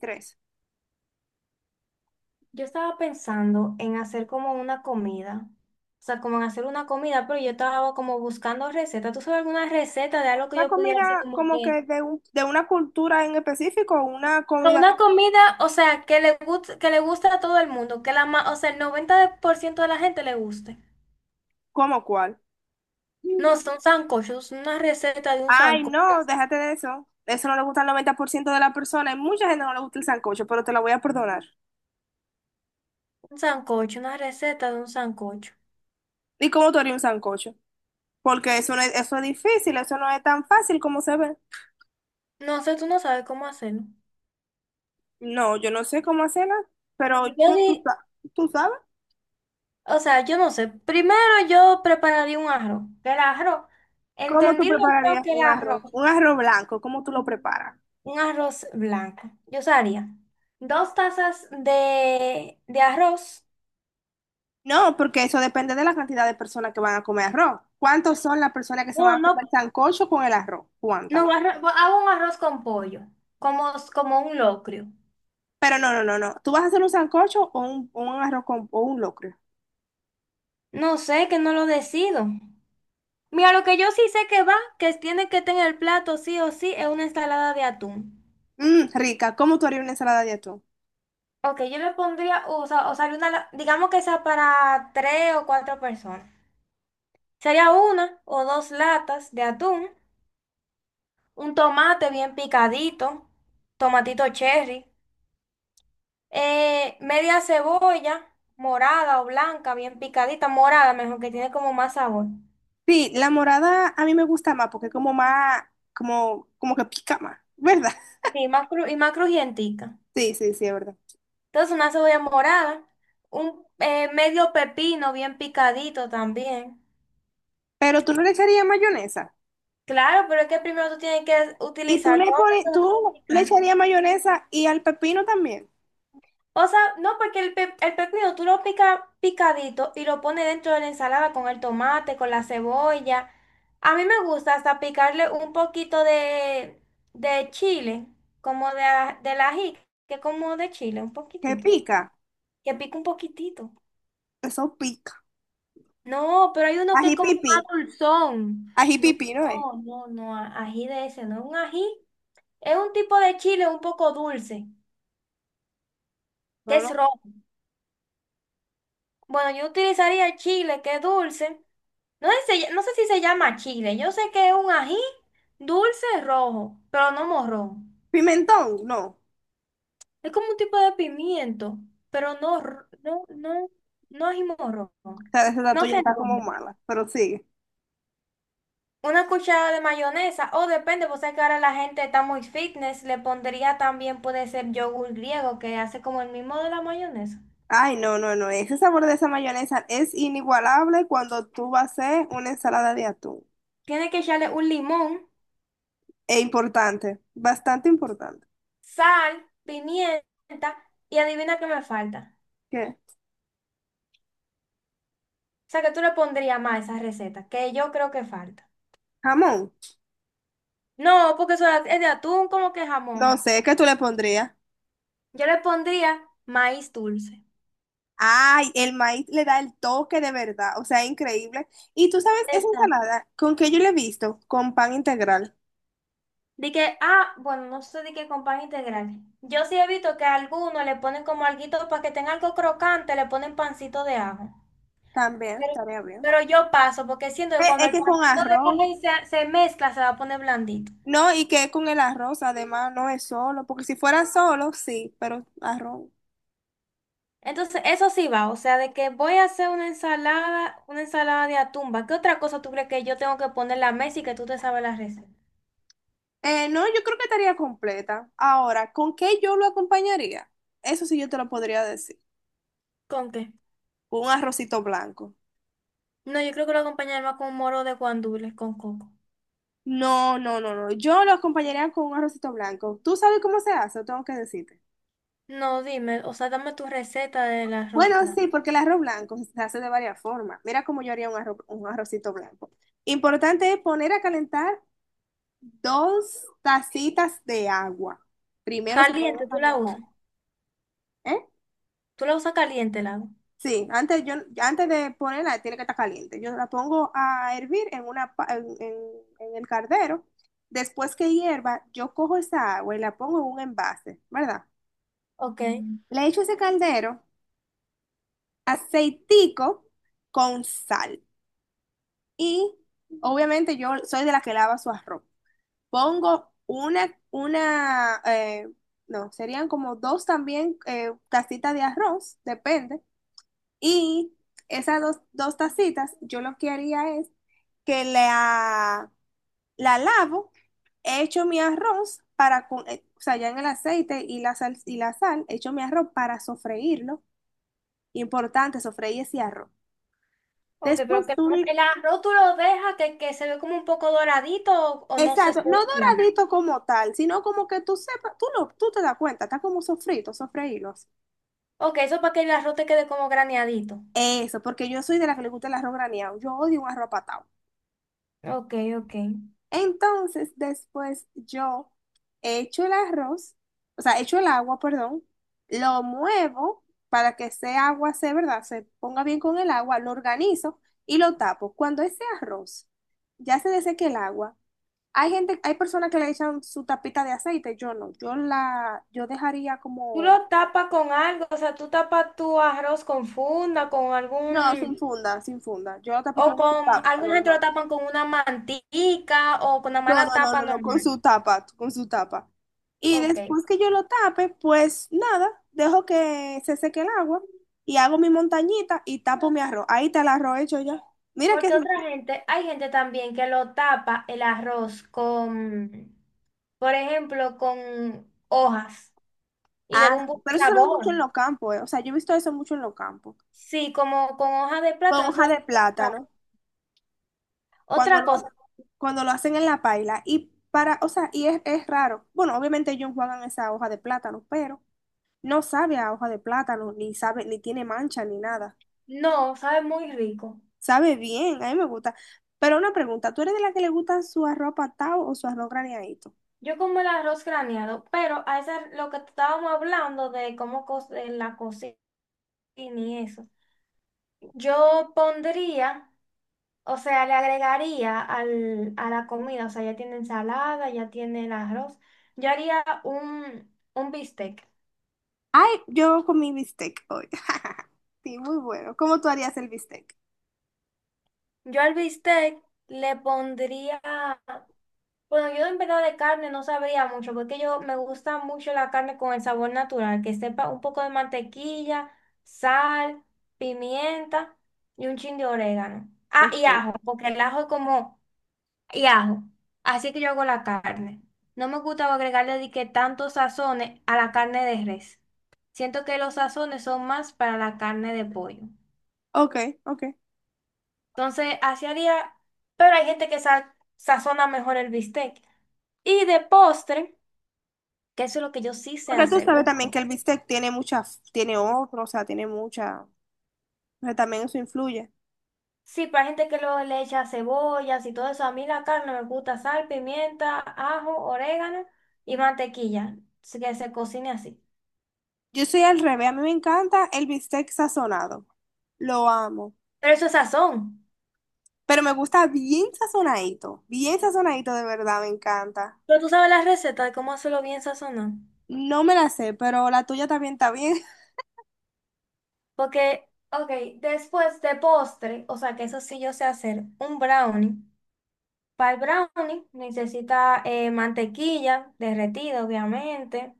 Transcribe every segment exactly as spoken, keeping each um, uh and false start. Tres. Yo estaba pensando en hacer como una comida, o sea, como en hacer una comida, pero yo estaba como buscando recetas. ¿Tú sabes alguna receta de algo que ¿Una yo pudiera hacer comida como como que... que de, un- de una cultura en específico o una Pero comida una comida, o sea, que le guste, que le guste a todo el mundo, que la ma- o sea, el noventa por ciento de la gente le guste. como cuál? No, son sancochos, una receta de un Ay, sancocho, no, déjate de eso. Eso no le gusta al noventa por ciento de la persona. Hay mucha gente que no le gusta el sancocho, pero te la voy a perdonar. un sancocho, una receta de un sancocho. ¿Y cómo tú harías un sancocho? Porque eso, no es, eso es difícil, eso no es tan fácil como se ve. No sé, tú no sabes cómo hacerlo. No, yo no sé cómo hacerla, pero Yo tú, tú, di- sa- tú sabes O sea, yo no sé. Primero yo prepararía un arroz. Que El arroz, cómo tú entendido yo prepararías que El un arroz, arroz. Un arroz blanco, ¿cómo tú lo preparas? un arroz blanco. Yo usaría dos tazas de, de arroz. No, porque eso depende de la cantidad de personas que van a comer arroz. ¿Cuántos son las personas que se van Bueno, a no, comer sancocho con el arroz? ¿Cuántas? no, arroz- Bueno, hago un arroz con pollo, como, como un locrio. Pero no, no, no, no. ¿Tú vas a hacer un sancocho o un, o un arroz con, o un locrio? No sé, que no lo decido. Mira, lo que yo sí sé que va, que tiene que tener el plato sí o sí, es una ensalada de atún. Mm, rica. ¿Cómo tú harías una ensalada de atún? Ok, yo le pondría, o sea, o sea, una, la- digamos que sea para tres o cuatro personas. Sería una o dos latas de atún, un tomate bien picadito, tomatito cherry, eh, media cebolla morada o blanca, bien picadita, morada mejor, que tiene como más sabor. Sí, la morada a mí me gusta más porque es como más, como, como que pica más, ¿verdad? Sí, más cru- y más crujientica. Sí, sí, sí, es verdad. Entonces una cebolla morada, un eh, medio pepino bien picadito también. Pero tú no le echarías mayonesa. Claro, pero es que primero tú tienes que Y tú utilizar le todo pones, lo que vas a tú le picar. echarías mayonesa y al pepino también, O sea, no, porque el, pe el pepino tú lo picas picadito y lo pones dentro de la ensalada con el tomate, con la cebolla. A mí me gusta hasta picarle un poquito de, de chile, como de, a- del ají, que es como de chile, un que poquitito. pica. Que pica un poquitito. Eso pica. No, pero hay uno que es Ají como pipí. más dulzón. Ají No, pipí, ¿no es? no, no, no, a- ají de ese, no es un ají. Es un tipo de chile un poco dulce, que Pero no. es rojo. Bueno, yo utilizaría el chile, que es dulce. No sé, si se- no sé si se llama chile. Yo sé que es un ají dulce rojo, pero no morrón. Pimentón, no. O Es como un tipo de pimiento, pero no, r- no, no, no ají morrón. sea, esa No tuya sé el está como nombre. mala, pero sigue. Una cucharada de mayonesa, o depende, vos sabés que ahora la gente está muy fitness, le pondría también, puede ser yogur griego, que hace como el mismo de la mayonesa. Ay, no, no, no. Ese sabor de esa mayonesa es inigualable cuando tú vas a hacer una ensalada de atún. Tiene que echarle un limón, Es importante, bastante importante. sal, pimienta, y adivina qué me falta. ¿Qué? O sea, que tú le pondrías más a esa receta, que yo creo que falta. Jamón. No, porque eso es de atún como que No jamón. sé, ¿qué tú le pondrías? Yo le pondría maíz dulce. Ay, el maíz le da el toque de verdad, o sea, increíble. Y tú sabes, esa Exacto. ensalada, ¿con qué yo le he visto? Con pan integral. De que, ah, bueno, no sé de qué con pan integral. Yo sí he visto que a algunos le ponen como alguito para que tenga algo crocante, le ponen pancito de ajo. También, Pero, estaría bien. pero yo paso, porque siento que Es, cuando es el que con pancito de ajo arroz. se, se mezcla, se va a poner blandito. No, y que es con el arroz, además, no es solo, porque si fuera solo, sí, pero arroz. Entonces, eso sí va, o sea, de que voy a hacer una ensalada, una ensalada de atumba. ¿Qué otra cosa tú crees que yo tengo que poner en la mesa y que tú te sabes la receta? Eh, no, yo creo que estaría completa. Ahora, ¿con qué yo lo acompañaría? Eso sí yo te lo podría decir. ¿Con qué? Un arrocito blanco. No, yo creo que lo acompañaré más con un moro de guandules con coco. No, no, no, no. Yo lo acompañaría con un arrocito blanco. ¿Tú sabes cómo se hace? ¿O tengo que decirte? No, dime, o sea, dame tu receta del Bueno, arroz blanco. sí, porque el arroz blanco se hace de varias formas. Mira cómo yo haría un arro- un arrocito blanco. Importante es poner a calentar dos tacitas de agua. Primero se ponen Caliente, a tú la calentar. usas. ¿Eh? Tú la usas caliente, el agua. Sí, antes, yo, antes de ponerla tiene que estar caliente. Yo la pongo a hervir en, una, pa- en, en- en el cardero. Después que hierva, yo cojo esa agua y la pongo en un envase, ¿verdad? Ok. Le echo ese caldero aceitico con sal. Y obviamente yo soy de la que lava su arroz. Pongo una, una, eh, no, serían como dos también, eh, tacitas de arroz, depende. Y esas dos, dos tacitas, yo lo que haría es que la, la lavo, echo mi arroz para, con- eh, o sea, ya en el aceite y la sal, y la sal, echo mi arroz para sofreírlo. Importante, sofreír ese arroz. Ok, Después pero que tú, le- el arroz tú lo dejas que, que se ve como un poco doradito o, o no se exacto, esté no blanco. doradito como tal, sino como que tú sepas, tú lo, tú te das cuenta, está como sofrito, sofreírlo. Así. Ok, eso es para que el arroz te quede como graneadito. Eso, porque yo soy de la que le gusta el arroz graneado. Yo odio un arroz patado. Ok, ok. Entonces, después yo echo el arroz, o sea, echo el agua, perdón, lo muevo para que ese agua se, ¿verdad? Se ponga bien con el agua, lo organizo y lo tapo. Cuando ese arroz ya se deseque el agua, hay gente, hay personas que le echan su tapita de aceite, yo no, yo la, yo dejaría Tú como, lo tapas con algo, o sea, tú tapas tu arroz con funda, con no, sin algún, funda, sin funda, yo lo tapo o con su con, tapa, alguna gente lo normal. tapan con una mantica o con una No, no, mala no, tapa no, no, con normal. su tapa, con su tapa. Y Ok. después que yo lo tape, pues nada, dejo que se seque el agua y hago mi montañita y tapo mi arroz. Ahí está el arroz hecho ya. Mira que Porque otra gente, hay gente también que lo tapa el arroz con, por ejemplo, con hojas y ah, le da un buen pero eso se ve mucho sabor. en los campos, eh. O sea, yo he visto eso mucho en los campos. Sí, como con hojas de Con plátano, hoja eso es de lo que sabe. plátano, cuando Otra lo, cosa, cuando lo hacen en la paila. Y para, o sea, y es, es raro. Bueno, obviamente ellos juegan esa hoja de plátano, pero no sabe a hoja de plátano, ni sabe, ni tiene mancha, ni nada. no, sabe muy rico. Sabe bien, a mí me gusta. Pero una pregunta, ¿tú eres de la que le gusta su arroz patado o su arroz graneadito? Yo como el arroz graneado, pero a esa, lo que estábamos hablando de cómo co- de la cocina y eso, yo pondría, o sea, le agregaría al, a la comida, o sea, ya tiene ensalada, ya tiene el arroz, yo haría un, un bistec. Ay, yo comí bistec hoy. Sí, muy bueno. ¿Cómo tú harías el bistec? Yo al bistec le pondría. Bueno, yo en verdad de carne no sabría mucho, porque yo me gusta mucho la carne con el sabor natural, que sepa un poco de mantequilla, sal, pimienta y un chin de orégano. Ah, y Ok, ajo, porque el ajo es como, y ajo. Así que yo hago la carne. No me gusta agregarle de que tantos sazones a la carne de res. Siento que los sazones son más para la carne de pollo. ok, ok. Entonces, así haría, pero hay gente que sa- sazona mejor el bistec. Y de postre. Que eso es lo que yo sí sé Porque tú hacer sabes un también poco. que el bistec tiene muchas tiene otro, o sea, tiene mucha, o sea, también eso influye. Sí, para gente que luego le echa cebollas y todo eso, a mí la carne me gusta sal, pimienta, ajo, orégano y mantequilla, así que se cocine así. Yo soy al revés, a mí me encanta el bistec sazonado. Lo amo. Pero eso es sazón. Pero me gusta bien sazonadito, bien sazonadito de verdad, me encanta. Pero tú sabes la receta de cómo hacerlo bien sazonado. No me la sé, pero la tuya también está bien. Porque, ok, después de postre, o sea que eso sí yo sé hacer, un brownie. Para el brownie necesita eh, mantequilla derretida, obviamente,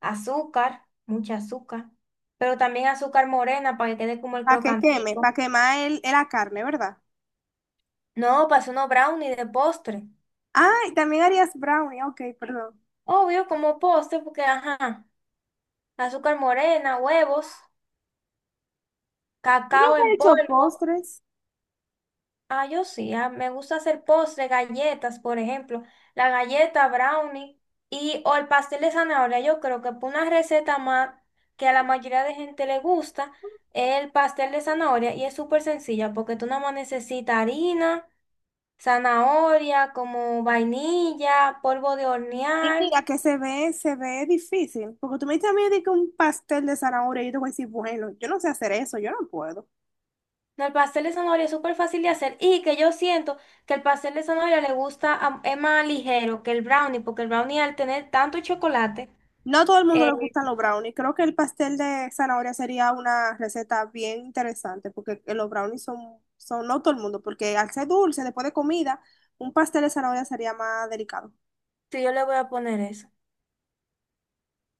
azúcar, mucha azúcar, pero también azúcar morena para que quede como el Para que queme, crocantico. para quemar el, la carne, ¿verdad? No, para hacer unos brownies de postre. Ah, y también harías brownie, ok, perdón. Obvio, como postre, porque ajá, azúcar morena, huevos, Yo cacao nunca he en hecho polvo. postres. Ah, yo sí, ah, me gusta hacer postres, galletas, por ejemplo, la galleta, brownie y o el pastel de zanahoria. Yo creo que por una receta más que a la mayoría de gente le gusta es el pastel de zanahoria y es súper sencilla porque tú nada más necesitas harina, zanahoria, como vainilla, polvo de Y hornear. mira que se ve, se ve difícil. Porque tú me dices a mí de que un pastel de zanahoria, yo te voy a decir, bueno, yo no sé hacer eso, yo no puedo. No, el pastel de zanahoria es súper fácil de hacer y que yo siento que el pastel de zanahoria le gusta, a- es más ligero que el brownie porque el brownie al tener tanto chocolate. No a todo el mundo le gustan los brownies. Creo que el pastel de zanahoria sería una receta bien interesante, porque los brownies son, son no todo el mundo, porque al ser dulce, después de comida, un pastel de zanahoria sería más delicado. Sí, yo le voy a poner eso.